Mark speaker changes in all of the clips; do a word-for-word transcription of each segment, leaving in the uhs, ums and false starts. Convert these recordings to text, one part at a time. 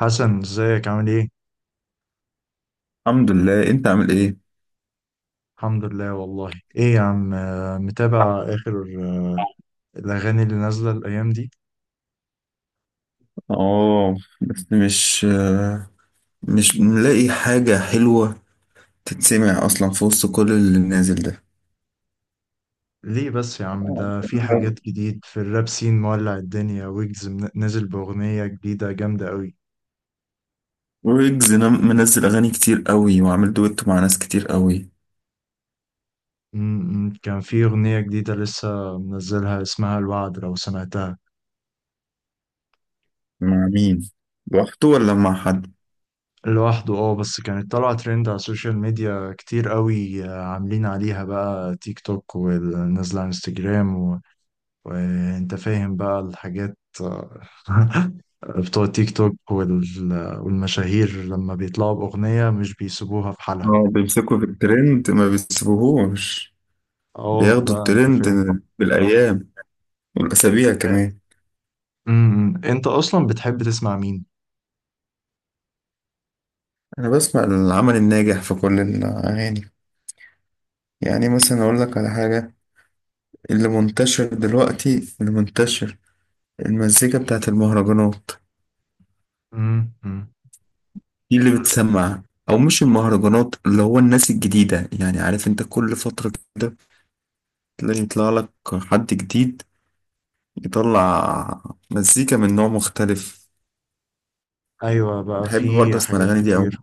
Speaker 1: حسن ازيك عامل ايه؟
Speaker 2: الحمد لله. انت عامل ايه؟
Speaker 1: الحمد لله. والله ايه يا عم، آه، متابع اخر آه، الاغاني اللي نازلة الايام دي.
Speaker 2: اه، بس مش مش ملاقي حاجة حلوة تتسمع اصلا في وسط كل اللي نازل ده.
Speaker 1: ليه بس يا عم، ده في حاجات جديد في الراب سين مولع الدنيا، ويجز من- نزل باغنية جديدة جامدة قوي.
Speaker 2: ويجز نم- منزل اغاني كتير قوي وعامل دويتو مع ناس كتير قوي.
Speaker 1: م- م، كان في اغنية جديدة لسه منزلها اسمها الوعد لو سمعتها.
Speaker 2: مع مين؟ لوحده ولا مع حد؟
Speaker 1: لوحده اه، بس كانت طالعة ترند على السوشيال ميديا كتير قوي، آه، عاملين عليها بقى تيك توك ونازلة على انستجرام، وانت فاهم بقى الحاجات بتوع تيك توك وال- والمشاهير، لما بيطلعوا بأغنية مش بيسيبوها في حالها.
Speaker 2: اه، بيمسكوا في الترند، ما بيسيبوهوش.
Speaker 1: اه
Speaker 2: بياخدوا
Speaker 1: لا، انت
Speaker 2: الترند
Speaker 1: فاهم.
Speaker 2: بالايام والاسابيع كمان.
Speaker 1: امم، انت اصلا بتحب تسمع مين؟
Speaker 2: انا بسمع العمل الناجح في كل الاغاني. يعني مثلا اقول لك على حاجة، اللي منتشر دلوقتي، اللي منتشر المزيكا بتاعت المهرجانات.
Speaker 1: امم،
Speaker 2: دي اللي بتسمع، او مش المهرجانات، اللي هو الناس الجديدة. يعني عارف انت كل فترة كده تلاقي يطلع لك حد جديد، يطلع مزيكا من نوع مختلف.
Speaker 1: ايوه بقى
Speaker 2: بحب برضه
Speaker 1: في
Speaker 2: اسمع
Speaker 1: حاجات
Speaker 2: الاغاني دي اوي،
Speaker 1: كتير.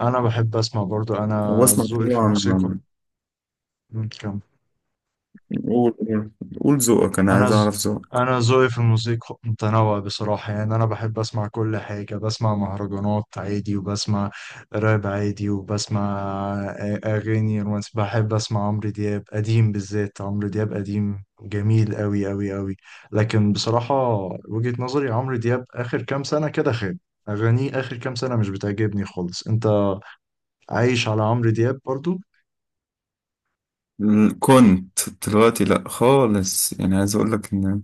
Speaker 1: انا بحب اسمع برضو، انا
Speaker 2: واسمع
Speaker 1: ذوقي في
Speaker 2: طبعا.
Speaker 1: الموسيقى مم. كم
Speaker 2: قول، قول، قول ذوقك، انا
Speaker 1: انا
Speaker 2: عايز
Speaker 1: ز...
Speaker 2: اعرف ذوقك.
Speaker 1: انا ذوقي في الموسيقى متنوع بصراحه، يعني انا بحب اسمع كل حاجه. بسمع مهرجانات عادي، وبسمع راب عادي، وبسمع آ- اغاني رومانسي. بحب اسمع عمرو دياب قديم، بالذات عمرو دياب قديم جميل قوي قوي قوي. لكن بصراحه، وجهه نظري، عمرو دياب اخر كام سنه كده خاب. اغانيه اخر كام سنه مش بتعجبني خالص. انت عايش على عمرو دياب برضو؟
Speaker 2: ال- كنت دلوقتي لا خالص. يعني عايز اقول لك ان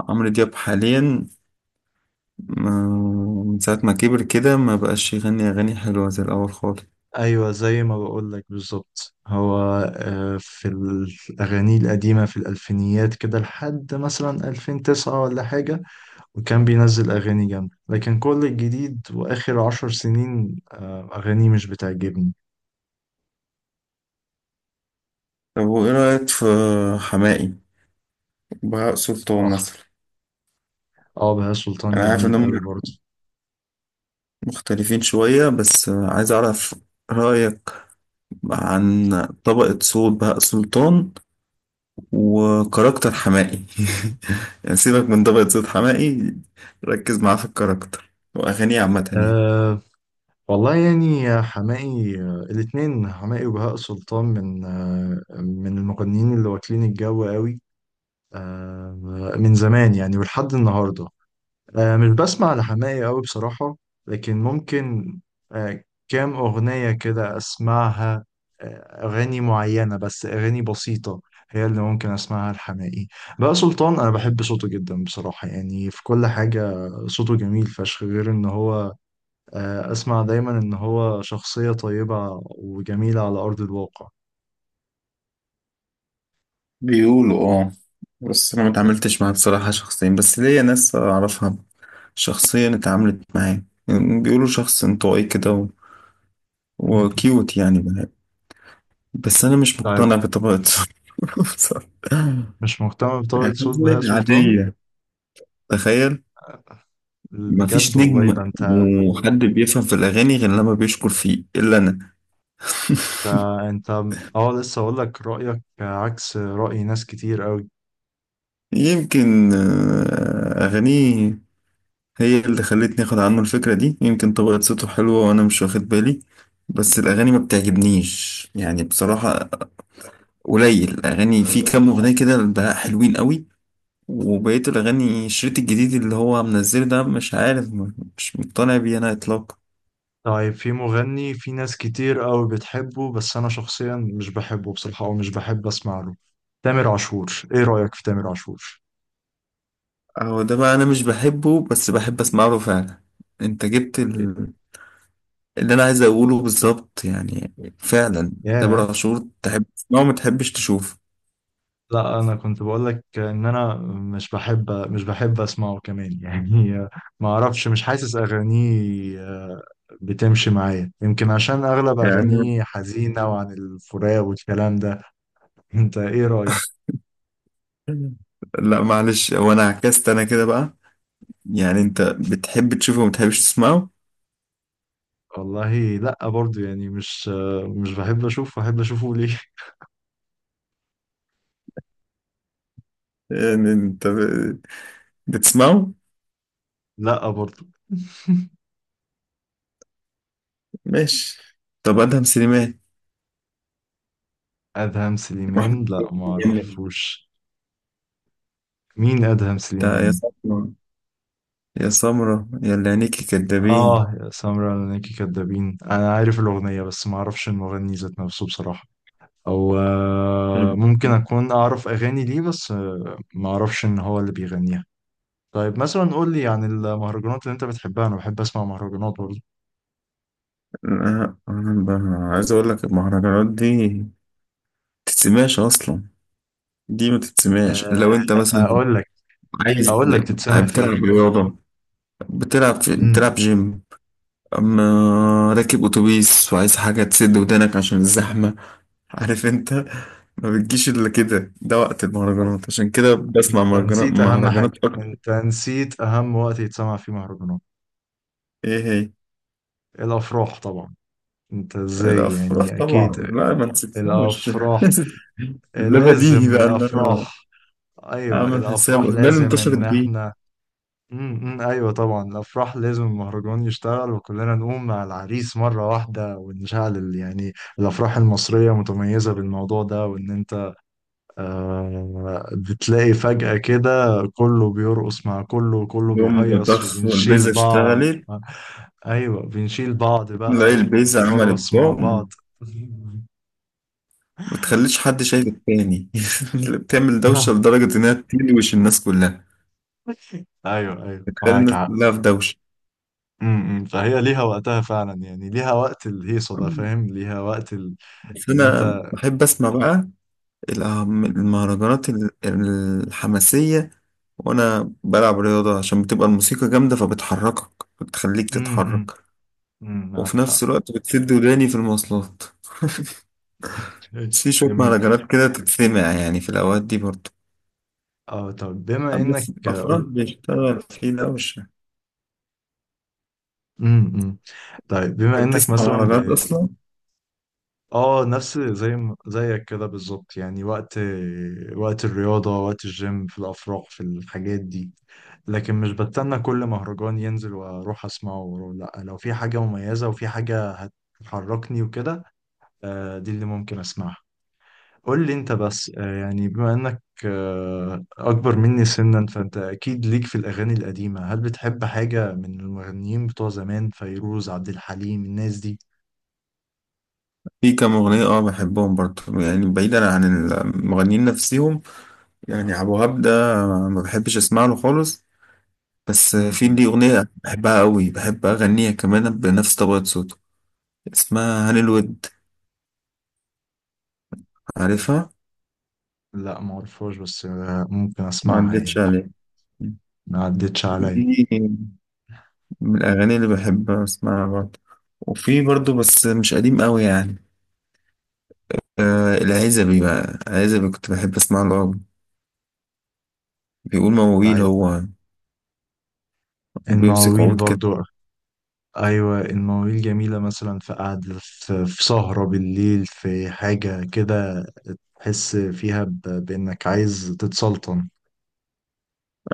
Speaker 2: عمرو دياب حاليا، ما من ساعة ما كبر كده، ما بقاش يغني أغاني حلوة زي الأول خالص.
Speaker 1: ايوه، زي ما بقول لك بالظبط. هو آه، في الاغاني القديمه، في الالفينيات كده، لحد مثلا ألفين وتسعة ولا حاجه، وكان بينزل اغاني جامده. لكن كل الجديد واخر عشر سنين، آه، اغاني مش بتعجبني.
Speaker 2: طب وإيه رأيك في حماقي وبهاء سلطان
Speaker 1: اه.
Speaker 2: مثلا؟
Speaker 1: اه، بهاء سلطان
Speaker 2: أنا عارف
Speaker 1: جميل قوي
Speaker 2: إنهم
Speaker 1: برضه.
Speaker 2: مختلفين شوية، بس عايز أعرف رأيك عن طبقة صوت بهاء سلطان وكاركتر حماقي. يعني سيبك من طبقة صوت حماقي، ركز معاه في الكاركتر وأغانيه عامة يعني.
Speaker 1: أه، والله يعني، يا حماقي، آه، الاتنين حماقي وبهاء سلطان من أه من المغنيين اللي واكلين الجو قوي. أه، من زمان يعني، ولحد النهارده آه، مش بسمع لحماقي أوي بصراحة. لكن ممكن آه، كام أغنية كده أسمعها، آه، أغاني معينة بس، أغاني بسيطة هي اللي ممكن أسمعها لحماقي. بقى سلطان، أنا بحب صوته جدا بصراحة، يعني في كل حاجة صوته جميل فشخ، غير إن هو آه، أسمع دايما إن هو شخصية طيبة وجميلة على أرض الواقع.
Speaker 2: بيقولوا اه، بس انا ما اتعاملتش معاه بصراحة شخصيا، بس ليا ناس اعرفها شخصيا اتعاملت معاه، يعني بيقولوا شخص انطوائي كده و...
Speaker 1: م- م.
Speaker 2: وكيوت يعني. بس انا مش
Speaker 1: طيب.
Speaker 2: مقتنع بطبيعته. بصراحة.
Speaker 1: مش مهتم بطبقة
Speaker 2: يعني
Speaker 1: صوت بهاء
Speaker 2: حاجة
Speaker 1: سلطان،
Speaker 2: عادية، تخيل!
Speaker 1: بجد
Speaker 2: مفيش
Speaker 1: والله؟
Speaker 2: نجم
Speaker 1: ده أنت
Speaker 2: وحد بيفهم في الأغاني غير لما بيشكر فيه إلا أنا.
Speaker 1: ده انت اه، لسه اقول لك، رأيك عكس رأي ناس كتير قوي.
Speaker 2: يمكن آه، أغانيه هي اللي خلتني اخد عنه الفكرة دي. يمكن طبقة صوته حلوة وانا مش واخد بالي، بس الاغاني ما بتعجبنيش يعني بصراحة. قليل الاغاني، في كام اغنية كده البهاء حلوين قوي، وبقية الاغاني الشريط الجديد اللي هو منزله ده مش عارف، م- مش مقتنع بيه انا اطلاقا.
Speaker 1: طيب، في مغني، في ناس كتير قوي بتحبه، بس انا شخصيا مش بحبه بصراحة، او مش بحب اسمع له: تامر عاشور. ايه رأيك في تامر عاشور؟
Speaker 2: هو ده بقى، انا مش بحبه بس بحب اسمع له فعلا. انت جبت ال- اللي انا عايز اقوله بالظبط يعني، فعلا.
Speaker 1: ياه.
Speaker 2: تامر عاشور تحب تسمعه، ما تحبش تشوفه
Speaker 1: لا، انا كنت بقول لك ان انا مش بحب مش بحب اسمعه كمان يعني. ما اعرفش، مش حاسس اغانيه آه، بتمشي معايا، يمكن عشان اغلب
Speaker 2: يعني.
Speaker 1: اغانيه حزينة وعن الفراق والكلام ده. انت ايه رأيك؟
Speaker 2: لا معلش، هو انا عكست انا كده بقى. يعني انت بتحب تشوفه وما بتحبش تسمعه؟
Speaker 1: والله لا برضو، يعني مش مش بحب اشوفه. احب اشوفه ليه؟
Speaker 2: يعني انت ب- بتسمعه؟
Speaker 1: لا برضو.
Speaker 2: ماشي. طب ادهم سليمان
Speaker 1: ادهم سليمان؟
Speaker 2: واحمد
Speaker 1: لا، ما
Speaker 2: كامل؟
Speaker 1: اعرفوش. مين ادهم
Speaker 2: انت يا
Speaker 1: سليمان؟
Speaker 2: سمرة، يا سمرة يا اللي عينيكي كدابين.
Speaker 1: اه، يا سمرة لناكي كدابين. انا عارف الاغنيه، بس ما اعرفش المغني ذات نفسه بصراحه، او آه،
Speaker 2: طيب.
Speaker 1: ممكن اكون اعرف اغاني ليه، بس آه، ما اعرفش ان هو اللي بيغنيها. طيب، مثلا قول لي عن المهرجانات اللي انت بتحبها. انا بحب اسمع مهرجانات برضه.
Speaker 2: لا، انا ب- عايز اقول لك المهرجانات دي تتسمعش اصلا. دي ما تتسمعش
Speaker 1: آه،
Speaker 2: لو انت مثلا
Speaker 1: اقول لك
Speaker 2: عايز.
Speaker 1: اقول لك تتسمع في ايه.
Speaker 2: بتلعب رياضة، بتلعب، بتلعب
Speaker 1: امم.
Speaker 2: جيم، اما راكب اتوبيس وعايز حاجه تسد ودانك عشان الزحمه، عارف انت. ما بتجيش الا كده، ده وقت المهرجانات، عشان كده بسمع
Speaker 1: انت
Speaker 2: مهرجانات،
Speaker 1: نسيت اهم
Speaker 2: مهرجانات
Speaker 1: حاجة،
Speaker 2: اكتر.
Speaker 1: انت نسيت اهم وقت يتسمع فيه مهرجانات:
Speaker 2: ايه هي؟
Speaker 1: الافراح طبعا. انت ازاي؟
Speaker 2: الافراح
Speaker 1: يعني اكيد
Speaker 2: طبعا، لا ما نسيتهمش.
Speaker 1: الافراح،
Speaker 2: ده بديهي
Speaker 1: لازم
Speaker 2: بقى ان انا
Speaker 1: الافراح. ايوه
Speaker 2: اعمل حساب،
Speaker 1: الافراح،
Speaker 2: ده اللي
Speaker 1: لازم
Speaker 2: انتشرت
Speaker 1: ان
Speaker 2: بيه.
Speaker 1: احنا. امم، ايوه طبعا، الافراح لازم المهرجان يشتغل، وكلنا نقوم مع العريس مرة واحدة ونشعل ال- يعني الافراح المصرية متميزة بالموضوع ده. وان انت آه، بتلاقي فجأة كده كله بيرقص مع كله، وكله
Speaker 2: يوم
Speaker 1: بيهيص
Speaker 2: ضخ
Speaker 1: وبنشيل
Speaker 2: والبيزا
Speaker 1: بعض.
Speaker 2: اشتغلت،
Speaker 1: أيوة، بنشيل بعض
Speaker 2: تلاقي
Speaker 1: بقى
Speaker 2: البيزا عملت
Speaker 1: ونرقص مع
Speaker 2: بوم،
Speaker 1: بعض.
Speaker 2: ما تخليش حد شايف التاني. اللي بتعمل دوشة لدرجة إنها تلوش الناس كلها،
Speaker 1: أيوة أيوة،
Speaker 2: بتخلي
Speaker 1: معاك
Speaker 2: الناس
Speaker 1: حق.
Speaker 2: كلها في دوشة.
Speaker 1: م- م. فهي ليها وقتها فعلا، يعني ليها وقت الهيصة ده، فاهم؟ ليها وقت ال-
Speaker 2: بس
Speaker 1: اللي
Speaker 2: انا
Speaker 1: أنت.
Speaker 2: بحب اسمع بقى الأهم- المهرجانات ال- الحماسية وانا بلعب رياضة، عشان بتبقى الموسيقى جامدة فبتحركك، بتخليك
Speaker 1: امم،
Speaker 2: تتحرك.
Speaker 1: امم،
Speaker 2: وفي
Speaker 1: معك حق.
Speaker 2: نفس الوقت بتسد وداني في المواصلات. بس
Speaker 1: ماشي،
Speaker 2: في شوية
Speaker 1: جميل.
Speaker 2: مهرجانات كده تتسمع يعني في الأوقات دي برضه.
Speaker 1: اه طب، بما
Speaker 2: أما
Speaker 1: انك
Speaker 2: في
Speaker 1: آه،
Speaker 2: الأفراح بيشتغل فيه ده وش.
Speaker 1: امم إمم. طيب، بما
Speaker 2: أنت
Speaker 1: انك
Speaker 2: بتسمع
Speaker 1: مثلا،
Speaker 2: مهرجانات أصلا؟
Speaker 1: اه، نفس زي ما- زيك كده بالظبط، يعني وقت وقت الرياضة، وقت الجيم، في الأفراح، في الحاجات دي. لكن مش بستنى كل مهرجان ينزل وأروح أسمعه وأروح، لأ، لو في حاجة مميزة وفي حاجة هتحركني وكده، آه، دي اللي ممكن أسمعها. قول لي أنت بس، آه، يعني بما إنك آه، أكبر مني سنا، فأنت أكيد ليك في الأغاني القديمة. هل بتحب حاجة من المغنيين بتوع زمان، فيروز، عبد الحليم، الناس دي؟
Speaker 2: في كام أغنية أه بحبهم برضه، يعني بعيدا عن المغنيين نفسهم. يعني أبو وهاب ده ما بحبش أسمع له خالص، بس في لي أغنية بحبها قوي، بحب أغنيها كمان بنفس طبقة صوته، اسمها هاني الود، عارفها؟
Speaker 1: لا، معرفهاش، بس آه، ممكن
Speaker 2: ما
Speaker 1: اسمعها
Speaker 2: عدتش
Speaker 1: يعني.
Speaker 2: عليها.
Speaker 1: ما عدتش عليا.
Speaker 2: دي من الأغاني اللي بحب أسمعها برضه. وفي برضه بس مش قديم قوي يعني، آه العزبي بقى، العزبي كنت بحب أسمع له قوي، بيقول مواويل
Speaker 1: طيب،
Speaker 2: هو وبيمسك
Speaker 1: المواويل
Speaker 2: عود كده.
Speaker 1: برضو؟ ايوه، المواويل جميله، مثلا في قعده، في في سهره بالليل، في حاجه كده تحس فيها ب- بانك عايز تتسلطن.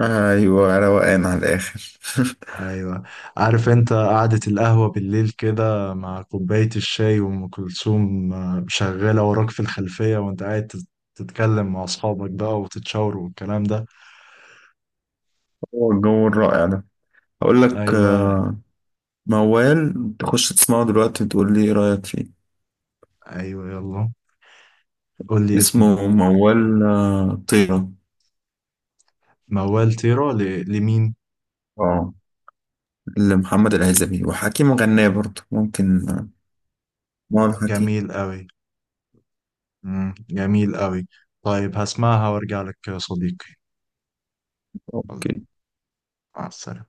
Speaker 2: أيوة، روقان على الآخر.
Speaker 1: ايوه. عارف انت، قعده القهوه بالليل كده، مع كوبايه الشاي، وام كلثوم آه، شغاله وراك في الخلفيه، وانت قاعد تت- تتكلم مع اصحابك بقى وتتشاوروا والكلام ده.
Speaker 2: هو الجو الرائع ده، هقول لك
Speaker 1: ايوه،
Speaker 2: آه، موال تخش تسمعه دلوقتي وتقول لي إيه رأيك فيه.
Speaker 1: ايوه يلا، قول لي اسمه.
Speaker 2: اسمه موال آه، طيرة.
Speaker 1: موال طيرة ل- لمين؟
Speaker 2: اه، لمحمد العزبي، وحكيم غناه برضه، ممكن آه، موال حكيم.
Speaker 1: جميل قوي. مم. جميل قوي. طيب، هسمعها وارجع لك يا صديقي.
Speaker 2: اوكي.
Speaker 1: مع السلامة.